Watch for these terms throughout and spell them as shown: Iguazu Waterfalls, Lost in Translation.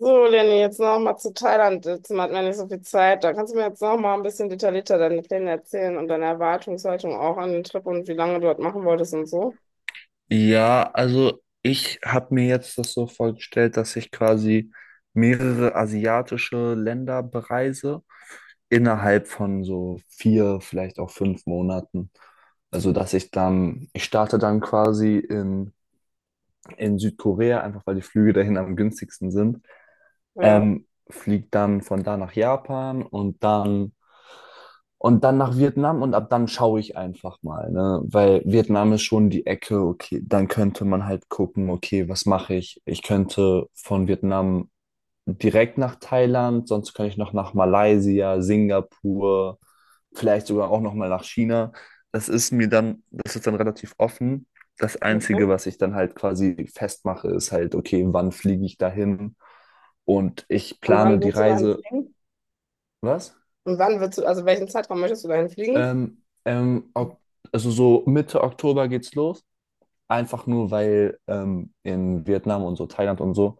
So, Lenny, jetzt noch mal zu Thailand. Jetzt hat man nicht so viel Zeit. Da kannst du mir jetzt noch mal ein bisschen detaillierter deine Pläne erzählen und deine Erwartungshaltung auch an den Trip und wie lange du dort machen wolltest und so. Ja, also ich habe mir jetzt das so vorgestellt, dass ich quasi mehrere asiatische Länder bereise innerhalb von so 4, vielleicht auch 5 Monaten. Also dass ich starte dann quasi in, Südkorea, einfach weil die Flüge dahin am günstigsten sind, Ja, fliege dann von da nach Japan und dann nach Vietnam und ab dann schaue ich einfach mal, ne? Weil Vietnam ist schon die Ecke, okay, dann könnte man halt gucken, okay, was mache ich? Ich könnte von Vietnam direkt nach Thailand, sonst könnte ich noch nach Malaysia, Singapur, vielleicht sogar auch noch mal nach China. Das ist dann relativ offen. Das okay. Einzige, was ich dann halt quasi festmache, ist halt, okay, wann fliege ich dahin? Und ich Und plane wann die willst du dahin Reise. fliegen? Was? Und wann willst du, welchen Zeitraum möchtest du dahin fliegen? Ähm, ähm, ok- also so Mitte Oktober geht's los. Einfach nur, weil in Vietnam und so, Thailand und so,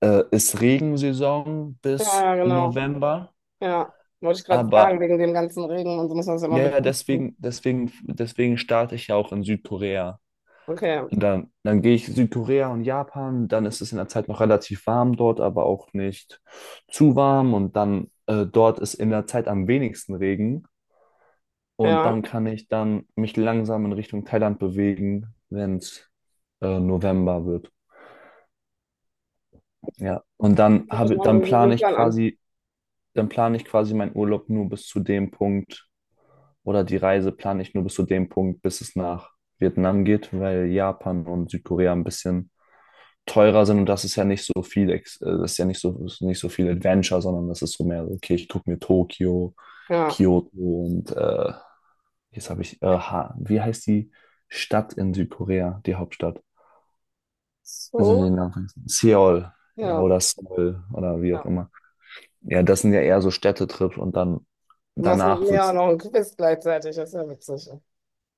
ist Regensaison Ja, bis ja, genau. November. Ja, wollte ich gerade fragen, Aber wegen dem ganzen Regen und so muss man das ja mal ja, ja, bedenken. deswegen, starte ich ja auch in Südkorea. Okay, Und dann gehe ich Südkorea und Japan, dann ist es in der Zeit noch relativ warm dort, aber auch nicht zu warm. Und dann dort ist in der Zeit am wenigsten Regen. Und ja. dann kann ich dann mich langsam in Richtung Thailand bewegen, wenn es November wird. Ja. Und Ich mache mir so den Plan an. Dann plane ich quasi meinen Urlaub nur bis zu dem Punkt oder die Reise plane ich nur bis zu dem Punkt, bis es nach Vietnam geht, weil Japan und Südkorea ein bisschen teurer sind, und das ist ja nicht so viel, das ist nicht so viel Adventure, sondern das ist so mehr, so, okay, ich gucke mir Tokio, Ja. Kyoto und jetzt habe ich, Ha- wie heißt die Stadt in Südkorea, die Hauptstadt? Also So, den Namen vergessen. Seoul, ja, ja. oder Seoul oder wie auch Ja. immer. Ja, das sind ja eher so Städtetrips und dann Du machst mit danach mir auch wird's. noch ein Quiz gleichzeitig, das ist ja witzig.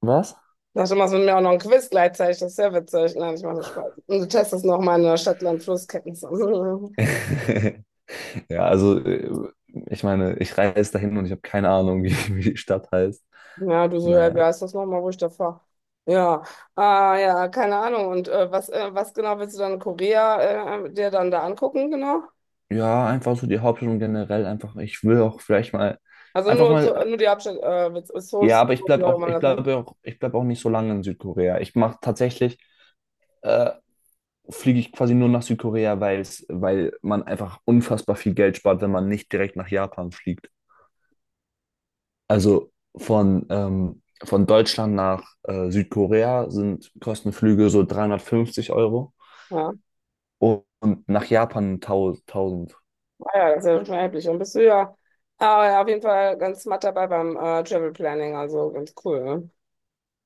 Was? Ach, du machst mit mir auch noch ein Quiz gleichzeitig, das ist ja witzig. Nein, ich mache nur Spaß. Und du testest noch meine Stadtland-Flusskenntnisse. Ja, also ich meine, ich reise dahin und ich habe keine Ahnung, wie die Stadt heißt. Ja, du so, ja, wie Naja. heißt das nochmal, wo ich da fahre. Ja, ah, ja, keine Ahnung. Und was, was genau willst du dann in Korea dir dann da angucken, genau? Ja, einfach so die Hauptstadt und generell einfach, ich will auch vielleicht mal, Also einfach nur, mal, nur die Hauptstadt, mit Seoul, ja, aber wie auch immer man das nennt. Ich bleib auch nicht so lange in Südkorea. Äh, fliege ich quasi nur nach Südkorea, weil weil man einfach unfassbar viel Geld spart, wenn man nicht direkt nach Japan fliegt. Also von Deutschland nach Südkorea sind Kostenflüge so 350 € Ja, und nach Japan 1.000. ah, ja, das ist ja schon erheblich. Und bist du ja, ah, ja, auf jeden Fall ganz smart dabei beim Travel Planning, also ganz cool, ne?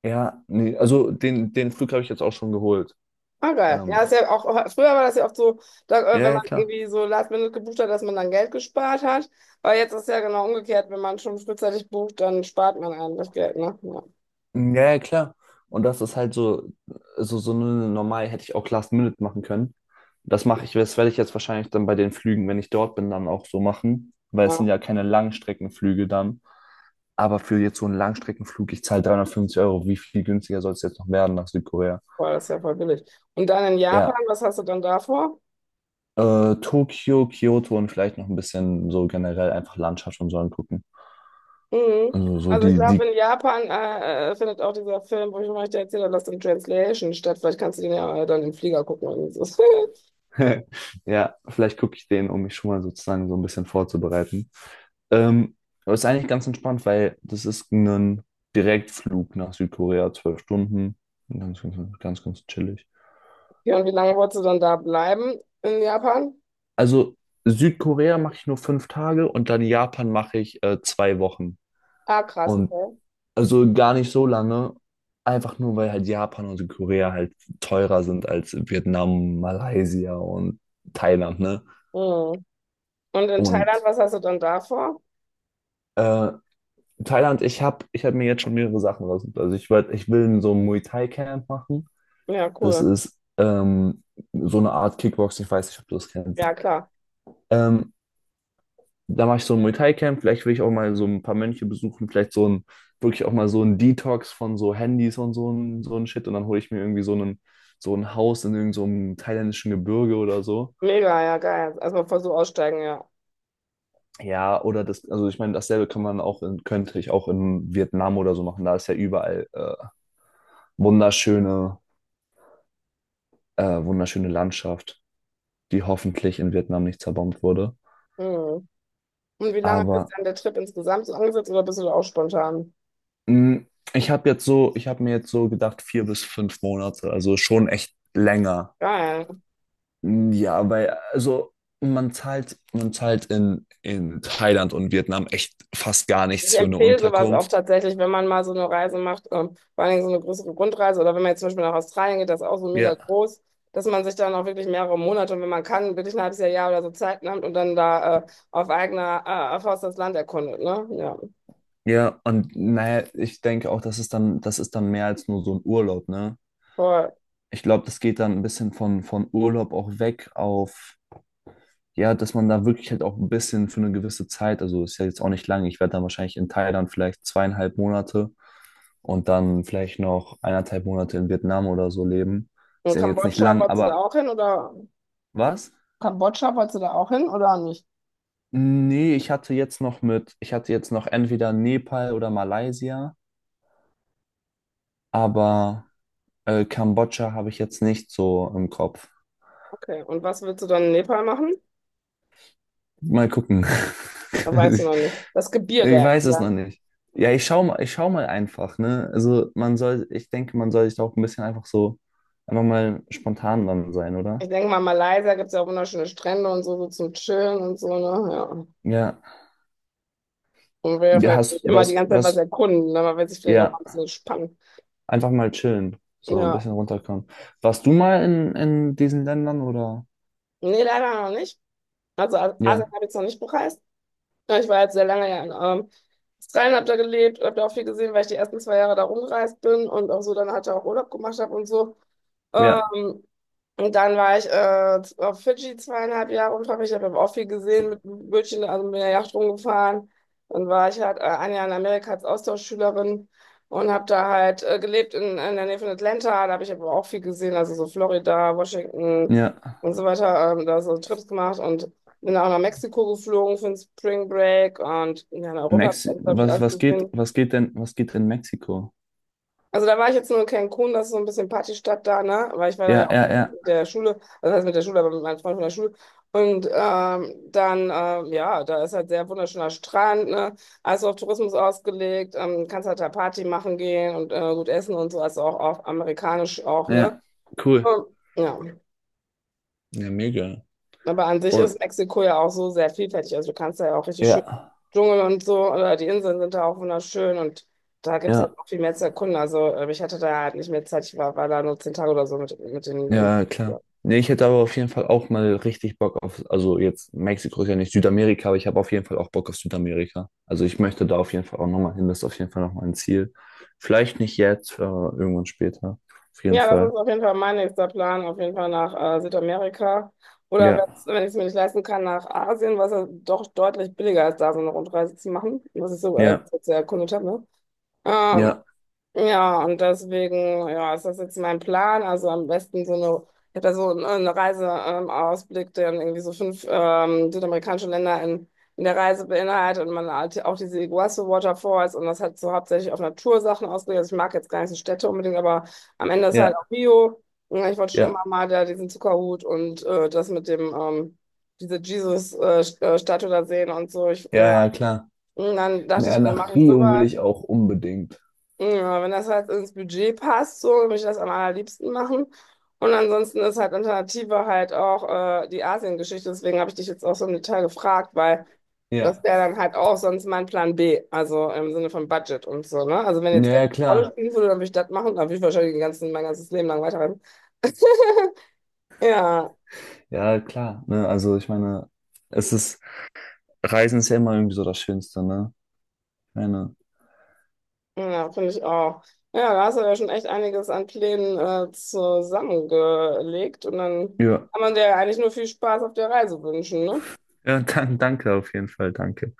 Ja, nee, also den Flug habe ich jetzt auch schon geholt. Ah, geil. Ja, ist Ähm, ja auch, früher war das ja oft so, da, Ja, wenn ja, man klar. irgendwie so Last Minute gebucht hat, dass man dann Geld gespart hat. Aber jetzt ist ja genau umgekehrt, wenn man schon frühzeitig bucht, dann spart man einem das Geld, ne? Ja, Ja, ja, klar. Und das ist halt so eine normal hätte ich auch Last Minute machen können. Das werde ich jetzt wahrscheinlich dann bei den Flügen, wenn ich dort bin, dann auch so machen, weil es sind ja, ja keine Langstreckenflüge dann. Aber für jetzt so einen Langstreckenflug, ich zahle 350 Euro. Wie viel günstiger soll es jetzt noch werden nach Südkorea? boah, das ist ja voll billig. Und dann in Japan, Ja, was hast du dann da vor? Tokio, Kyoto und vielleicht noch ein bisschen so generell einfach Landschaft und so angucken. Mhm. Also so Also ich die, glaube, die in Japan findet auch dieser Film, wo ich euch da erzählt habe, Lost in Translation statt. Vielleicht kannst du den ja dann im Flieger gucken. Irgendwie so. Ja, vielleicht gucke ich den, um mich schon mal sozusagen so ein bisschen vorzubereiten. Ähm, aber ist eigentlich ganz entspannt, weil das ist ein Direktflug nach Südkorea, 12 Stunden. Ganz, ganz, ganz, ganz chillig. Ja, und wie lange wolltest du dann da bleiben in Japan? Also Südkorea mache ich nur 5 Tage und dann Japan mache ich 2 Wochen. Ah, krass, Und okay. also gar nicht so lange, einfach nur weil halt Japan und Südkorea halt teurer sind als Vietnam, Malaysia und Thailand, ne? Mhm. Und in Thailand, Und was hast du dann da vor? äh, Thailand, ich hab mir jetzt schon mehrere Sachen raus. Also ich will so ein Muay Thai Camp machen. Ja, Das cool. ist so eine Art Kickboxing, ich weiß nicht, ob du das kennst. Ja, klar. Ähm, da mache ich so ein Muay Thai Camp. Vielleicht will ich auch mal so ein paar Mönche besuchen. Vielleicht wirklich auch mal so ein Detox von so Handys und so ein Shit. Und dann hole ich mir irgendwie so ein Haus in irgend so einem thailändischen Gebirge oder so. Mega, ja, geil. Erstmal voll so aussteigen, ja. Ja, also ich meine, dasselbe kann man auch könnte ich auch in Vietnam oder so machen. Da ist ja überall wunderschöne wunderschöne Landschaft, die hoffentlich in Vietnam nicht zerbombt wurde. Mhm. Und wie lange ist Aber dann der Trip insgesamt so angesetzt oder bist du da auch spontan? mh, ich habe mir jetzt so gedacht, 4 bis 5 Monate, also schon echt länger. Geil. Mm, ja, weil, also man zahlt in Thailand und Vietnam echt fast gar Ich nichts für eine empfehle sowas auch Unterkunft. tatsächlich, wenn man mal so eine Reise macht, vor allen Dingen so eine größere Rundreise oder wenn man jetzt zum Beispiel nach Australien geht, das ist auch so mega Ja. groß, dass man sich dann auch wirklich mehrere Monate und wenn man kann, wirklich ein halbes Jahr, Jahr oder so Zeit nimmt und dann da auf eigener Faust das Land erkundet, ne? Ja, Ja, und naja, ich denke auch, das ist dann mehr als nur so ein Urlaub, ne? voll. Ich glaube, das geht dann ein bisschen von Urlaub auch weg auf ja, dass man da wirklich halt auch ein bisschen für eine gewisse Zeit, also ist ja jetzt auch nicht lange, ich werde dann wahrscheinlich in Thailand vielleicht 2,5 Monate und dann vielleicht noch 1,5 Monate in Vietnam oder so leben. Ist Und ja jetzt nicht Kambodscha, lang, wolltest du da aber auch hin oder? was? Kambodscha, wolltest du da auch hin oder nicht? Nee, ich hatte jetzt noch entweder Nepal oder Malaysia, aber Kambodscha habe ich jetzt nicht so im Kopf. Okay, und was willst du dann in Nepal machen? Mal gucken. Das weißt du noch nicht. Das Gebirge, Ich ja, weiß es klar. noch nicht. Ja, ich schau mal einfach, ne? Also man soll, ich denke, man soll sich da auch ein bisschen einfach so, einfach mal spontan dann sein, oder? Ich denke mal, Malaysia gibt es ja auch wunderschöne Strände und so, so zum Chillen und so, ne? Ja. Ja. Und will ja Ja, vielleicht hast nicht immer die was, ganze Zeit was erkunden, ne? Man will sich vielleicht auch mal ja, ein bisschen spannen. einfach mal chillen. So ein Ja. bisschen runterkommen. Warst du mal in diesen Ländern oder? Nee, leider noch nicht. Also Asien Ja, habe ich jetzt noch nicht bereist. Ja, ich war jetzt sehr lange ja in ähm, Australien, habe da gelebt, habe da auch viel gesehen, weil ich die ersten 2 Jahre da rumgereist bin und auch so dann halt auch Urlaub gemacht habe und so. ja, Ähm, und dann war ich auf Fidschi 2,5 Jahre unverpflichtet, habe aber auch viel gesehen mit dem Bötchen, also mit der Yacht rumgefahren. Dann war ich halt 1 Jahr in Amerika als Austauschschülerin und habe da halt gelebt in der Nähe von Atlanta. Da habe ich aber auch viel gesehen, also so Florida, Washington ja. und so weiter. Da so Trips gemacht und bin auch nach Mexiko geflogen für den Spring Break und ja, in Europa, Mexi glaube ich, was, alles gesehen. was geht denn, was geht in Mexiko? Also da war ich jetzt nur in Cancun, das ist so ein bisschen Partystadt da, ne? Weil ich war da Ja, ja auch ja, ja, mit der Schule, also das heißt mit der Schule, aber mit meinem Freund von der Schule. Und ja, da ist halt sehr wunderschöner Strand, ne? Also auf Tourismus ausgelegt, kannst halt da Party machen gehen und gut essen und so, also auch auf amerikanisch auch, ne? ja. Cool. Und, ja. Ja, mega. Aber an sich ist Und, Mexiko ja auch so sehr vielfältig. Also du kannst da ja auch richtig schön ja, Dschungel und so, oder die Inseln sind da auch wunderschön und da gibt es halt ja. noch viel mehr zu erkunden. Also ich hatte da halt nicht mehr Zeit, ich war da nur 10 Tage oder so mit den. Ja, klar. Ja, Nee, ich hätte aber auf jeden Fall auch mal richtig Bock auf, also jetzt Mexiko ist ja nicht Südamerika, aber ich habe auf jeden Fall auch Bock auf Südamerika. Also ich möchte da auf jeden Fall auch nochmal hin, das ist auf jeden Fall noch ein Ziel. Vielleicht nicht jetzt, aber irgendwann später. Auf jeden ja, das ist Fall. auf jeden Fall mein nächster Plan, auf jeden Fall nach Südamerika. Oder Ja, wenn ich es mir nicht leisten kann, nach Asien, was ja doch deutlich billiger ist, da so eine Rundreise zu machen, was ich so ja, bis jetzt erkundet habe. Ne? Ähm, ja, ja, und deswegen, ja, ist das jetzt mein Plan. Also am besten so eine, ich habe da so einen Reiseausblick, Ausblick, der dann irgendwie so fünf südamerikanische Länder in der Reise beinhaltet und man halt auch diese Iguazu Waterfalls und das hat so hauptsächlich auf Natursachen ausgelegt. Also ich mag jetzt gar nicht so Städte unbedingt, aber am Ende ist halt ja, auch Bio. Ja, ich wollte schon immer ja, mal da diesen Zuckerhut und das mit dem, diese Jesus-Statue da sehen und so. Ich, ja. ja, ja, klar. Und dann dachte Ja, ich mir, nach mache ich Rio will sowas. ich auch unbedingt. Ja, wenn das halt ins Budget passt, so würde ich das am allerliebsten machen. Und ansonsten ist halt Alternative halt auch die Asien-Geschichte. Deswegen habe ich dich jetzt auch so im Detail gefragt, weil das Ja, wäre dann halt auch sonst mein Plan B, also im Sinne von Budget und so, ne? Also wenn jetzt ja, Geld ja, eine Rolle klar. spielen würde, dann würde ich das machen, dann würde ich wahrscheinlich den ganzen, mein ganzes Leben lang weiterreisen. Ja, Ja, klar. Ne, also ich meine, es ist, Reisen ist ja immer irgendwie so das Schönste, ne? Ich meine, ja, finde ich auch. Ja, da hast du ja schon echt einiges an Plänen zusammengelegt und dann ja. kann man dir ja eigentlich nur viel Spaß auf der Reise wünschen, ne? Ja, danke auf jeden Fall, danke.